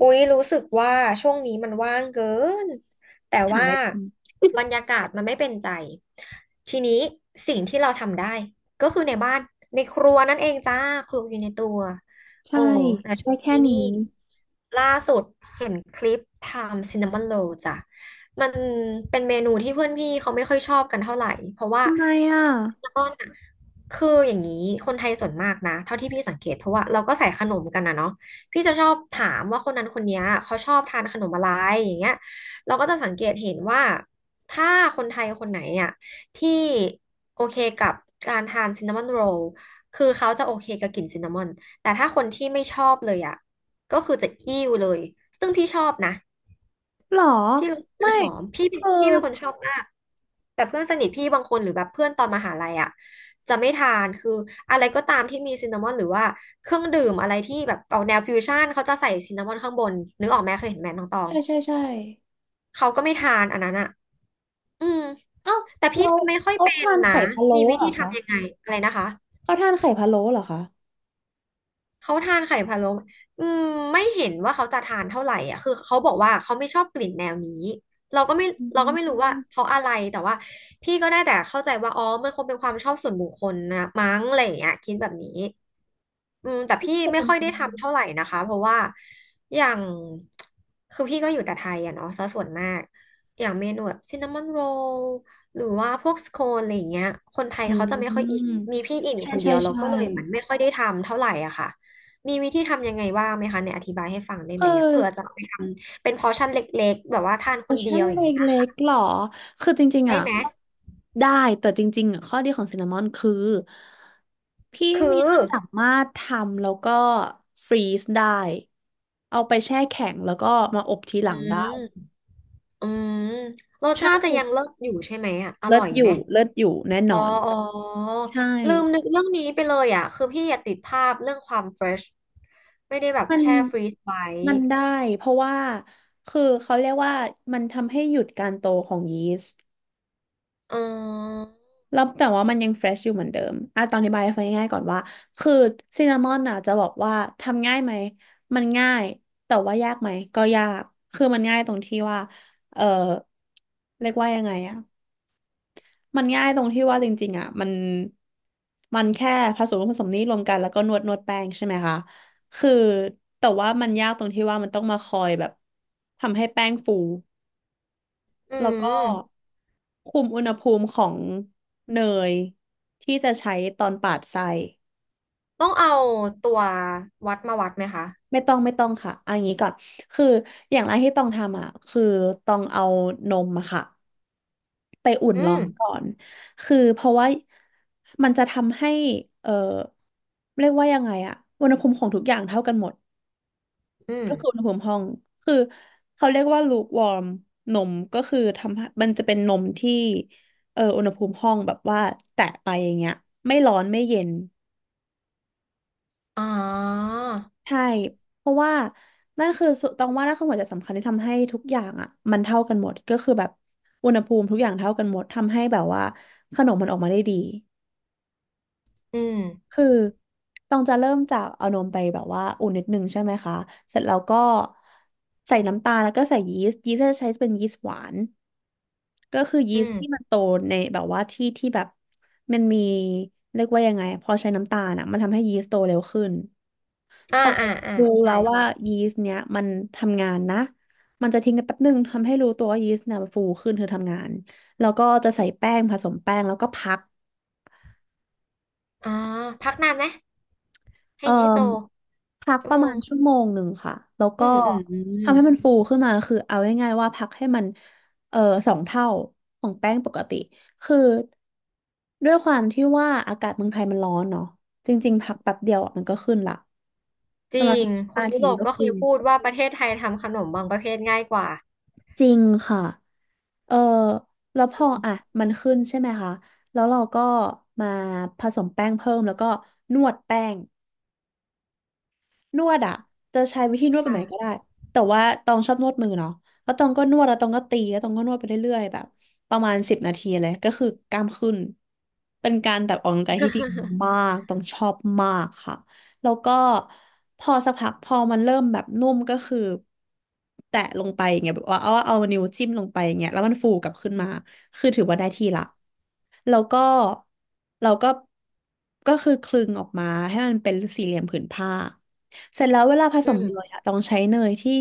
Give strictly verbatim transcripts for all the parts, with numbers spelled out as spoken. อุ๊ยรู้สึกว่าช่วงนี้มันว่างเกินแต่หาอะว่าไรทำ บรร ยากาศมันไม่เป็นใจทีนี้สิ่งที่เราทำได้ก็คือในบ้านในครัวนั่นเองจ้าครัวอยู่ในตัวใช่โอ้แต่ช่ได้วงแค่นี้นี้นี่ล่าสุดเห็นคลิปทำซินนามอนโรลจ้ะมันเป็นเมนูที่เพื่อนพี่เขาไม่ค่อยชอบกันเท่าไหร่เพราะว่าทำไมอ่ะซินนามอนอะคืออย่างนี้คนไทยส่วนมากนะเท่าที่พี่สังเกตเพราะว่าเราก็ใส่ขนมกันนะเนาะ พี่จะชอบถามว่าคนนั้นคนเนี้ยเขาชอบทานขนมอะไรอย่างเงี้ยเราก็จะสังเกตเห็นว่าถ้าคนไทยคนไหนอ่ะที่โอเคกับการทานซินนามอนโรลคือเขาจะโอเคกับกลิ่นซินนามอนแต่ถ้าคนที่ไม่ชอบเลยอ่ะก็คือจะอิ้วเลยซึ่งพี่ชอบนะ หรอพี่รู้สึกไม่มันหอมพี่คือพี่เป็นคนชอบมากแต่เพื่อนสนิทพี่บางคนหรือแบบเพื่อนตอนมหาลัยอ่ะจะไม่ทานคืออะไรก็ตามที่มีซินนามอนหรือว่าเครื่องดื่มอะไรที่แบบออกแนวฟิวชั่นเขาจะใส่ซินนามอนข้างบนนึกออกไหมเคยเห็นแมน้องตองใช่ใช่ใช่เขาก็ไม่ทานอันนั้นอ่ะอืมเอ้าแต่พี่เราไม่ค่อยเขาเป็นทานนะไข่พะโล้มีวิเหรธีอคะทำยังไงอะไรนะคะ เขาทานไข่พะโล้เหรอคะเขาทานไข่พะโล้อืมไม่เห็นว่าเขาจะทานเท่าไหร่อ่ะคือเขาบอกว่าเขาไม่ชอบกลิ่นแนวนี้เราก็ไม่อืเราก็ไม่รู้ว่ามเพราะอะไรแต่ว่าพี่ก็ได้แต่เข้าใจว่าอ๋อมันคงเป็นความชอบส่วนบุคคลนะมั้งอะไรอย่างเงี้ยคิดแบบนี้อืมแต่พี่จะไม่เป็นค่อยได้ทำเท่าไหร่นะคะเพราะว่าอย่างคือพี่ก็อยู่แต่ไทยอะเนาะซะส่วนมากอย่างเมนูแบบซินนามอนโรลหรือว่าพวกสโคนอะไรอย่างเงี้ยคนไทยอืเขาจะไม่ค่อยอินมมีพี่อินอยู่ใช่คนเดีใช่ยวเราใช่ก็เลยเหมือนไม่ค่อยได้ทำเท่าไหร่อะค่ะ มีวิธีทำยังไงบ้างไหมคะเนี่ยอธิบายให้ฟังได้เออ ไหมอะเผื่อจะเอาไปทำเป็นพอร์ชั่นเล็กๆแบบว่าทานโอคนเดีชั่ยนวอย่างนี้ยเล็กๆหรอ คือจริงๆได้อ่ะไหมได้แต่จริงๆอ่ะข้อดีของซินนามอนคือพี่คืเมียอสามารถทำแล้วก็ฟรีซได้เอาไปแช่แข็งแล้วก็มาอบทีหอืลังได้มอืมรสใช่ชาติจะยังเลิศอยู่ใช่ไหมอะอเลิร่ศอยอไหมยู่เลิศอยู่แน่นอ๋ออนอ๋อใช่ลืมนึกเรื่องนี้ไปเลยอะคือพี่อยากติดภาพเรื่องความเฟรชไม่ได้แบบมันแช่ฟรีซไว้มันได้เพราะว่าคือเขาเรียกว่ามันทำให้หยุดการโตของยีสต์ อืมแล้วแต่ว่ามันยังเฟรชอยู่เหมือนเดิมอ่ะตอนอธิบายให้ฟังง่ายๆก่อนว่าคือซินนามอนอ่ะจะบอกว่าทำง่ายไหมมันง่ายแต่ว่ายากไหมก็ยากคือมันง่ายตรงที่ว่าเออเรียกว่ายังไงอ่ะมันง่ายตรงที่ว่าจริงๆอ่ะมันมันแค่ผสมผสมนี้รวมกันแล้วก็นวดนวดแป้งใช่ไหมคะ คือแต่ว่ามันยากตรงที่ว่ามันต้องมาคอยแบบทำให้แป้งฟู อืแล้วก็มคุมอุณหภูมิของเนยที่จะใช้ตอนปาดไส้ต้องเอาตัววัดมาวัดไหมคะไม่ต้องไม่ต้องค่ะเอันนี้ก่อนคืออย่างแรกที่ต้องทำอ่ะคือต้องเอานมอะค่ะไปอุ่นอืร้อมนก่อนคือเพราะว่ามันจะทำให้เออเรียกว่ายังไงอะอุณหภูมิของทุกอย่างเท่ากันหมด อืมก็คืออุณหภูมิห้องคือเขาเรียกว่าลูคว์มนมก็คือทำให้มันจะเป็นนมที่เอออุณหภูมิห้องแบบว่าแตะไปอย่างเงี้ยไม่ร้อนไม่เย็นอ๋อใช่เพราะว่านั่นคือสุต้องว่านั่นคือหัวใจสำคัญที่ทำให้ทุกอย่างอ่ะมันเท่ากันหมดก็คือแบบอุณหภูมิทุกอย่างเท่ากันหมดทำให้แบบว่าขนมมันออกมาได้ดีอืมคือต้องจะเริ่มจากเอานมไปแบบว่าอุ่นนิดนึงใช่ไหมคะเสร็จแล้วก็ใส่น้ำตาลแล้วก็ใส่ยีสต์ยีสต์จะใช้เป็นยีสต์หวาน ก็คือยีอืสต์ที่มันม โตในแบบว่าที่ที่แบบมันมีเรียกว่ายังไงพอใช้น้ำตาลอ่ะมันทำให้ยีสต์โตเร็วขึ้นพอ่าออ่าอ่ารู้ใช่แล้วว่ายีสต์เนี้ยมันทำงานนะมันจะทิ้งกันแป๊บนึงทำให้รู้ตัวว่ายีสต์เนี่ยมันฟูขึ้นคือทำงานแล้วก็จะใส่แป้งผสมแป้งแล้วก็พัก อ่าพักนานไหมให้เอ่อยีสโตพักชั่ปวระโมมางณชั่วโมงหนึ่งค่ะแล้วอืก็มอืมอืมทำให้มันฟูขึ้นมาคือเอาง่ายๆว่าพักให้มันเอ่อสองเท่าของแป้งปกติคือด้วยความที่ว่าอากาศเมืองไทยมันร้อนเนาะจริงๆพักแป๊บเดียวอะมันก็ขึ้นละจประริมาณงคห้านนายุทีโรปก็ก็เคขึ้ยนพูดว่าประเทศไทยทำขนมบางประเภทง่ายกว่าจริงค่ะเออแล้วพอือมอ่ะมันขึ้นใช่ไหมคะแล้วเราก็มาผสมแป้งเพิ่มแล้วก็นวดแป้ง นวดอ่ะจะใช้วิธีนวดแบบค่ะ ไหนก็ได้แต่ว่าตองชอบนวดมือเนาะแล้วตองก็นวดแล้วตองก็ตีแล้วตองก็นวดไปเรื่อยๆแบบประมาณสิบนาทีเลยก็คือกล้ามขึ้นเป็นการแบบออกกำลังกายที่ดี มากต้องชอบมากค่ะแล้วก็พอสักพักพอมันเริ่มแบบนุ่มก็คือแตะลงไปอย่างเงี้ยแบบว่าเอาเอานิ้วจิ้มลงไปอย่างเงี้ยแล้วมันฟูกลับขึ้นมาคือถือว่าได้ที่ละแล้วก็เราก็ก็คือคลึงออกมาให้มันเป็นสี่เหลี่ยมผืนผ้า เสร็จแล้วเวลาผอืสมเนยมอะต้องใช้เนยที่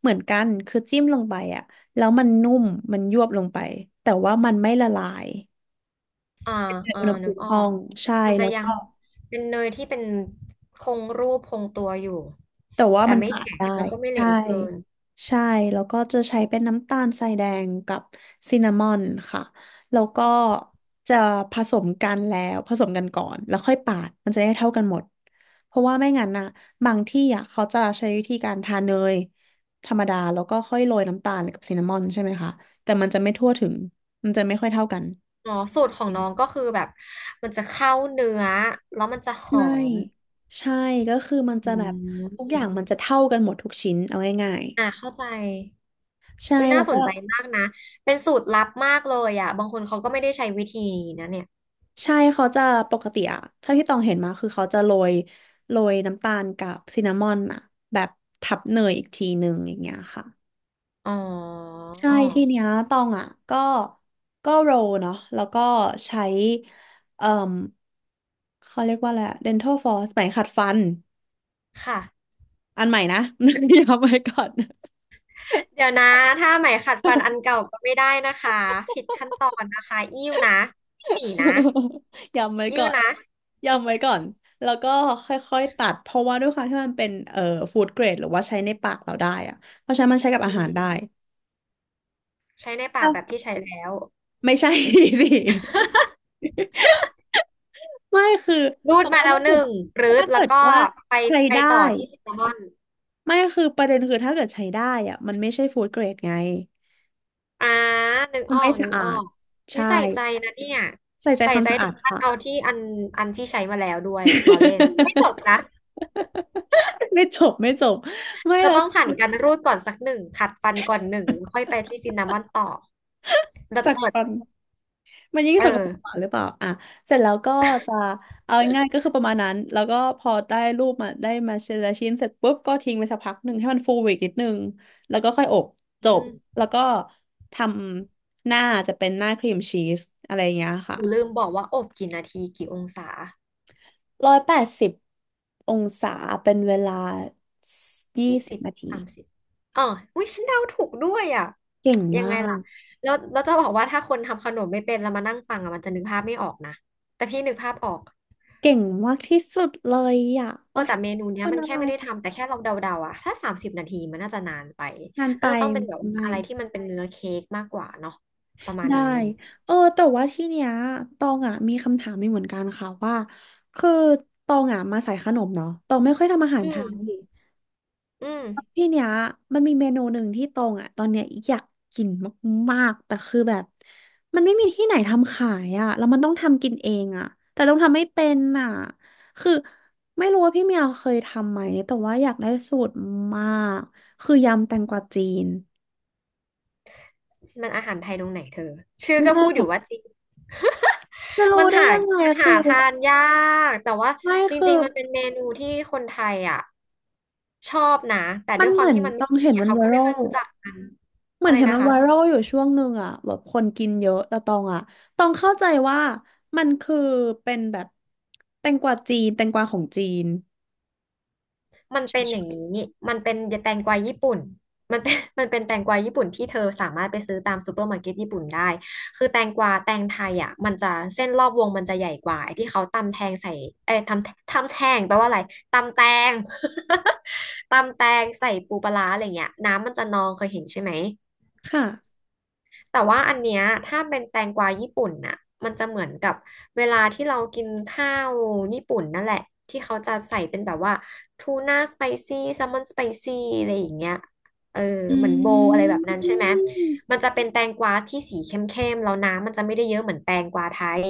เหมือนกันคือจิ้มลงไปอะแล้วมันนุ่มมันยวบลงไปแต่ว่ามันไม่ละลายอ่าในอ่าอุณหนึภูกมิออห้อกงใช่มันจะแล้วยังก็ เป็นเนยที่เป็นคงรูปคงตัวอยู่แต่ว่าแต่มันไม่ปาดแข็งได้แล้วก็ไม่เหลใช่วเกินใช่แล้วก็จะใช้เป็นน้ำตาลทรายแดงกับซินนามอนค่ะแล้วก็จะผสมกันแล้วผสมกันก่อนแล้วค่อยปาดมันจะได้เท่ากันหมดเพราะว่าไม่งั้นนะบางที่อ่ะเขาจะใช้วิธีการทาเนยธรรมดาแล้วก็ค่อยโรยน้ำตาลกับซินนามอนใช่ไหมคะแต่มันจะไม่ทั่วถึงมันจะไม่ค่อยเท่ากันอ๋อสูตรของน้องก็คือแบบมันจะเข้าเนื้อแล้วมันจะหอใช่มใช่ก็คือมันอืจะแบบทุกอย่างมมันจะเท่ากันหมดทุกชิ้นเอาง่ายอ่าเข้าใจ ๆใช่วิน่าแล้วสก็ นใจมากนะ เป็นสูตรลับมากเลยอ่ะบางคนเขาก็ไม่ได้ใช้วิธีนี้นะเนี่ยใช่เขาจะปกติอะถ้าที่ตองเห็นมาคือเขาจะโรยโรยน้ำตาลกับซินนามอนอะแบบทับเนยอีกทีหนึ่งอย่างเงี้ยค่ะอ๋อใช่ทีเนี้ยตองอะก็ก็โรลเนาะแล้วก็ใช้เอ่มเขาเรียกว่าอะไรอะ เดนทัล ฟลอส ไหมขัดฟันค่ะอันใหม่นะ เดี๋ยวเอาไปก่อน เดี๋ยวนะ ถ้าไหมขัดฟันอันเก่าก็ไม่ได้นะคะ ผิดขั้นตอนนะคะอิ้วนะอิ้วหนีนะ ยำไว้อิ้วก่อนนะยำไว้ก่อนแล้วก็ค่อยๆตัดเพราะว่าด้วยความที่มันเป็นเอ่อฟู้ดเกรดหรือว่าใช้ในปากเราได้อะเพราะฉะนั้นมันใช้กับอือาหารได้ มใช้ใน ปากแบบค่ะที่ใช้แล้วไม่ใช่ สิไม่คือรูเพดราะมาว่าแล้ถ้าวหเกิดนึ่งปรื๊ดถ้าแล้เกิวดก็ว่าไปใช้ไปได้ต่อที่ซินนามอนไม่คือประเด็นคือถ้าเกิดใช้ได้อะมันไม่ใช่ฟู้ดเกรดไงอ่านึกมัอนอไม่กนึสะกอออาดกวิใช่ใส่ใจนะเนี่ยใส่ใจใส่ความใจสะถึอางดขั้นค่ะ เอาที่อันอันที่ใช้มาแล้วด้วยล้อเล่นไม่จบนะ ไม่จบไม่จบไม่เธอแล้วต้องคือผ่านการรูดก่อนสักหนึ่งขัดฟันก่อนหนึ่งแล้วค่อยไปที่ซินนามอนต่อแล้วจากเปิดฟัน มันยิ่งเออสกปรกกว่าหรือเปล่าอ่ะเสร็จแล้วก็จะเอาง่ายๆก็คือประมาณนั้นแล้วก็พอได้รูปมาได้มาชิ้นละชิ้นเสร็จปุ๊บก็ทิ้งไปสักพักหนึ่งให้มันฟูอีกนิดนึงแล้วก็ค่อยอบจอืบมแล้วก็ทำหน้าจะเป็นหน้าครีมชีสอะไรอย่างเงี้ยค่ะกูลืมบอกว่าอบกี่นาทีกี่องศาร้อยแปดสิบองศาเป็นเวลายี่ยี่สิสิบบนาทีสามสิบเออวิฉันเดาถูกด้วยอ่ะเก่งยังมาไงล่ะกแล้วแล้วจะบอกว่าถ้าคนทำขนมไม่เป็นแล้วมานั่งฟังอ่ะมันจะนึกภาพไม่ออกนะแต่พี่นึกภาพออกเก่งมากที่สุดเลยอ่ะเอโอ๊อยแต่เมนูเนี้คยนมันอะแค่ไรไม่ได้ทำแต่แค่เราเดาๆอ่ะถ้าสามสิบนาทีมันน่าจะนานไปงานไปน่าจะต้องเป็นแบบว่าไหม อะไรที่มันเป็นเนื้อเค้กมากกว่าเนาะประมาณได้นี้เออแต่ว่าที่เนี้ย ตองอ่ะมีคำถามมีเหมือนกันค่ะว่า คือ ตองอ่ะมาสายขนมเนาะตองไม่ค่อยทำอาหาอืรไทมยอืม ที่เนี้ย มันมีเมนูหนึ่งที่ตองอ่ะตอนเนี้ยอยากกินมากๆ แต่คือแบบ มันไม่มีที่ไหนทำขายอ่ะแล้วมันต้องทำกินเองอ่ะแต่ต้องทำไม่เป็นอ่ะคือ ไม่รู้ว่าพี่เมียวเคยทำไหม แต่ว่าอยากได้สูตรมาก คือยำแตงกวาจีนมันอาหารไทยตรงไหนเธอชื่อไม่ก็ใช่พูดอเหรยู่ว่าจีน อจะ รู้มันได้หายังไงมันหาคือทานยากแต่ว่าไม่จคืริงอ ๆมันเป็นเมนูที่คนไทยอ่ะชอบนะแต่มัด้วนยคเหวามมือนที่มันไม่ต้องมีเห็นอะมันเขาไวก็ไม่รัค่อยลรู้จักกันเหมืออะนไรเห็นนะมันคะ ไวรัลอยู่ช่วงหนึ่งอ่ะแบบคนกินเยอะแต่ตองอ่ะตองเข้าใจว่ามันคือเป็นแบบแตงกวาจีนแตงกวาของจีนมันเเป็นอฉย่างยนี้นี่มันเป็นแตงกวาญี่ปุ่นมันเป็น มันเป็นแตงกวาญี่ปุ่นที่เธอสามารถไปซื้อตามซูเปอร์มาร์เก็ตญี่ปุ่นได้คือแตงกวาแตงไทยอ่ะมันจะเส้นรอบวงมันจะใหญ่กว่าไอ้ที่เขาตำแทงใส่เอ้ยทำทำแทงแปลว่าอะไรตำแตง ตำแตงใส่ปูปลาร้าอะไรเงี้ยน้ำมันจะนองเคยเห็นใช่ไหม ๆค่ะแต่ว่าอันเนี้ยถ้าเป็นแตงกวาญี่ปุ่นน่ะมันจะเหมือนกับเวลาที่เรากินข้าวญี่ปุ่นนั่นแหละที่เขาจะใส่เป็นแบบว่าทูน่าสไปซี่แซลมอนสไปซี่อะไรอย่างเงี้ยเอออืเหมือนโบอือะไรมแบบมนั้นใช่ไหมมันจะเป็นแตงกวาที่สีเข้มๆแล้วน้ำมันจะไม่ได้เยอะเหมือนแตงกวาไทย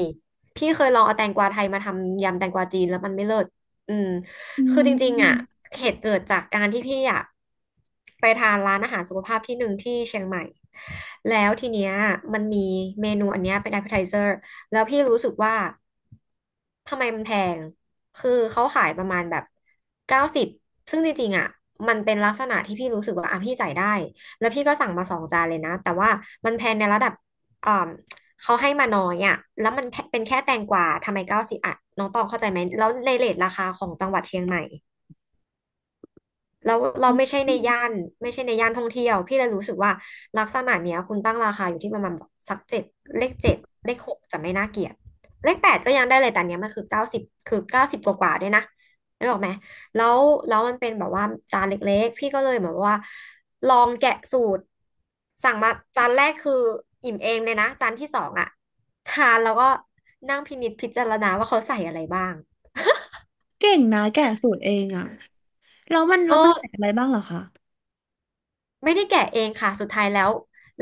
พี่เคยลองเอาแตงกวาไทยมาทำยำแตงกวาจีนแล้วมันไม่เลิศอืม อืคือจริงๆอ่ะ มเหตุเกิดจากการที่พี่อ่ะไปทานร้านอาหารสุขภาพที่หนึ่งที่เชียงใหม่ แล้วทีเนี้ยมันมีเมนูอันเนี้ยเป็น appetizer แล้วพี่รู้สึกว่าทำไมมันแพง คือเขาขายประมาณแบบเก้าสิบซึ่งจริงๆอ่ะมันเป็นลักษณะที่พี่รู้สึกว่าอ่ะพี่จ่ายได้ แล้วพี่ก็สั่งมาสองจานเลยนะ แต่ว่ามันแพงในระดับอ่า เขาให้มาน้อยอ่ะแล้วมันเป็นแค่แตงกวาทำไมเก้าสิบอ่ะน้องตองเข้าใจไหม แล้วในเรทราคาของจังหวัดเชียงใหม่ แล้วเราอืมไม่ใช่ในย่านไม่ใช่ในย่านท่องเที่ยวพี่เลยรู้สึกว่าลักษณะเนี้ยคุณตั้งราคาอยู่ที่ประมาณแบบสักเจ็ดเลขเจ็ดเลขหกจะไม่น่าเกลียดเลขแปดก็ยังได้เลยแต่อันเนี้ยมันคือเก้าสิบคือเก้าสิบกว่ากว่าๆด้วยนะนึกออกไหมแล้วแล้วมันเป็นแบบว่าจานเล็กๆพี่ก็เลยเหมือนว่าลองแกะสูตรสั่งมาจานแรกคืออิ่มเองเลยนะจานที่สองอะทานแล้วก็นั่งพินิจพิจารณาว่าเขาใส่อะไรบ้างเก่งนะแกะสูตรเองอ่ะแล้วมันเอแล้วมันอ ใส่อะไรบ้างเหรอคะไม่ได้แกะเองค่ะ สุดท้ายแล้ว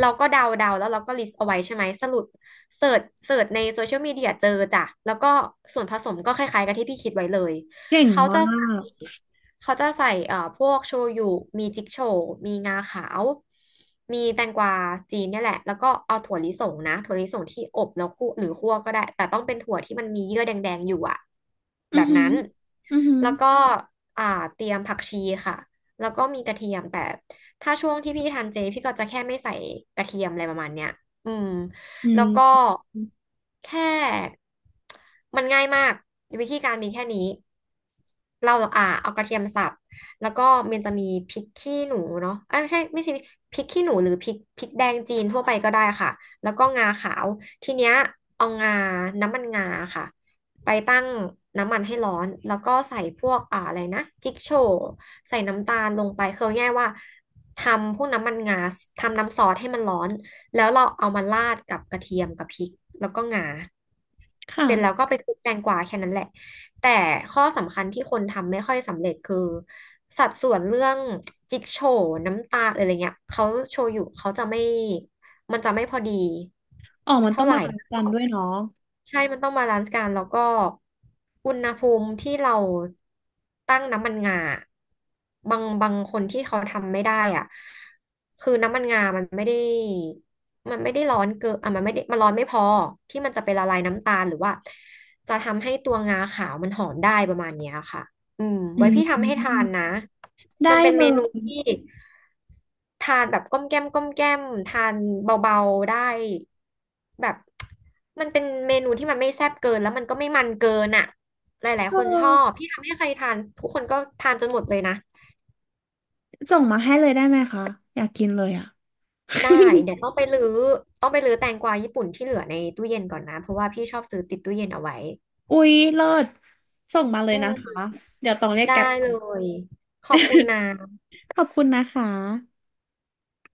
เราก็เดาเดาแล้วเราก็ลิสต์เอาไว้ใช่ไหม สรุปเสิร์ชเสิร์ชในโซเชียลมีเดียเจอจ้ะแล้วก็ส่วนผสมก็คล้ายๆกับที่พี่คิดไว้เลย เก่งเขาจะมาใส่กเขาจะใส่เอ่อพวกโชยุมีจิกโชว์มีงาขาว มีแตงกวาจีนเนี่ยแหละ แล้วก็เอาถั่วลิสงนะถั่วลิสงที่อบแล้วคั่วหรือคั่วก็ได้ แต่ต้องเป็นถั่วที่มันมีเยื่อแดงๆอยู่อะอืแบอบหืนั้อนอือหือแล้วก็อ่าเตรียมผักชีค่ะแล้วก็มีกระเทียมแต่ ถ้าช่วงที่พี่ทานเจพี่ก็จะแค่ไม่ใส่กระเทียมอะไรประมาณเนี้ยอืมอืแล้วก็มแค่มันง่ายมากวิธีการมีแค่นี้เราอ่าเอากระเทียมสับแล้วก็มันจะมีพริกขี้หนูเนาะเอ้ยไม่ใช่ไม่ใช่พริกขี้หนูหรือพริกพริกแดงจีนทั่วไปก็ได้ค่ะแล้วก็งาขาวทีเนี้ยเอางาน้ำมันงาค่ะไปตั้งน้ำมันให้ร้อนแล้วก็ใส่พวกอ่าอะไรนะจิกโชว์ใส่น้ำตาลลงไปคือเอาง่ายๆว่า ทำพวกน้ำมันงาทำน้ำซอสให้มันร้อนแล้วเราเอามาราดกับกระเทียมกับพริกแล้วก็งาค่ะเสร็จแล้วก็ไปคลุกแตงกวาแค่นั้นแหละแต่ข้อสำคัญที่คนทำไม่ค่อยสำเร็จคือสัดส่วนเรื่องจิ๊กโฉวน้ำตาลอะไรเงี้ยเขาโชยุเขาจะไม่มันจะไม่พอดีอ๋อมันเท่าต้องไหร่ บาลานซ์กันด้วยเนาะใช่มันต้องบาลานซ์กันแล้วก็อุณหภูมิที่เราตั้งน้ำมันงาบางบางคนที่เขาทำไม่ได้อ่ะคือน้ำมันงามันไม่ได้มันไม่ได้ร้อนเกินอ่ะมันไม่ได้มันร้อนไม่พอที่มันจะไปละลายน้ำตาลหรือว่าจะทำให้ตัวงาขาวมันหอมได้ประมาณเนี้ยค่ะอืมอืไว้มพี่มทำให้ทานนะมันได้เป็นเลเมนูย ที่ ทานแบบก้อมแก้มก้อมแก้มทานเบาๆได้แบบมันเป็นเมนูที่มันไม่แซ่บเกินแล้วมันก็ไม่มันเกินอ่ะหลายๆคนชอบพี่ทำให้ใครทานทุกคนก็ทานจนหมดเลยนะส่งมาให้เลยได้ไหมคะอยากกินเลยอ่ะ ได้เดี๋ยวต้องไปรื้อต้องไปรื้อแตงกวาญี่ปุ่นที่เหลือในตู้เย็นก่อนนะเพราะว่าพี่ชอบซื้อติดตู้เย็นเอาไว้อุ๊ยเลิศส่งมาเลอืยนะมคะเดี๋ยวต้องเรียกได้แกร็บ เลยขอบคุณนะ ขอบคุณนะคะ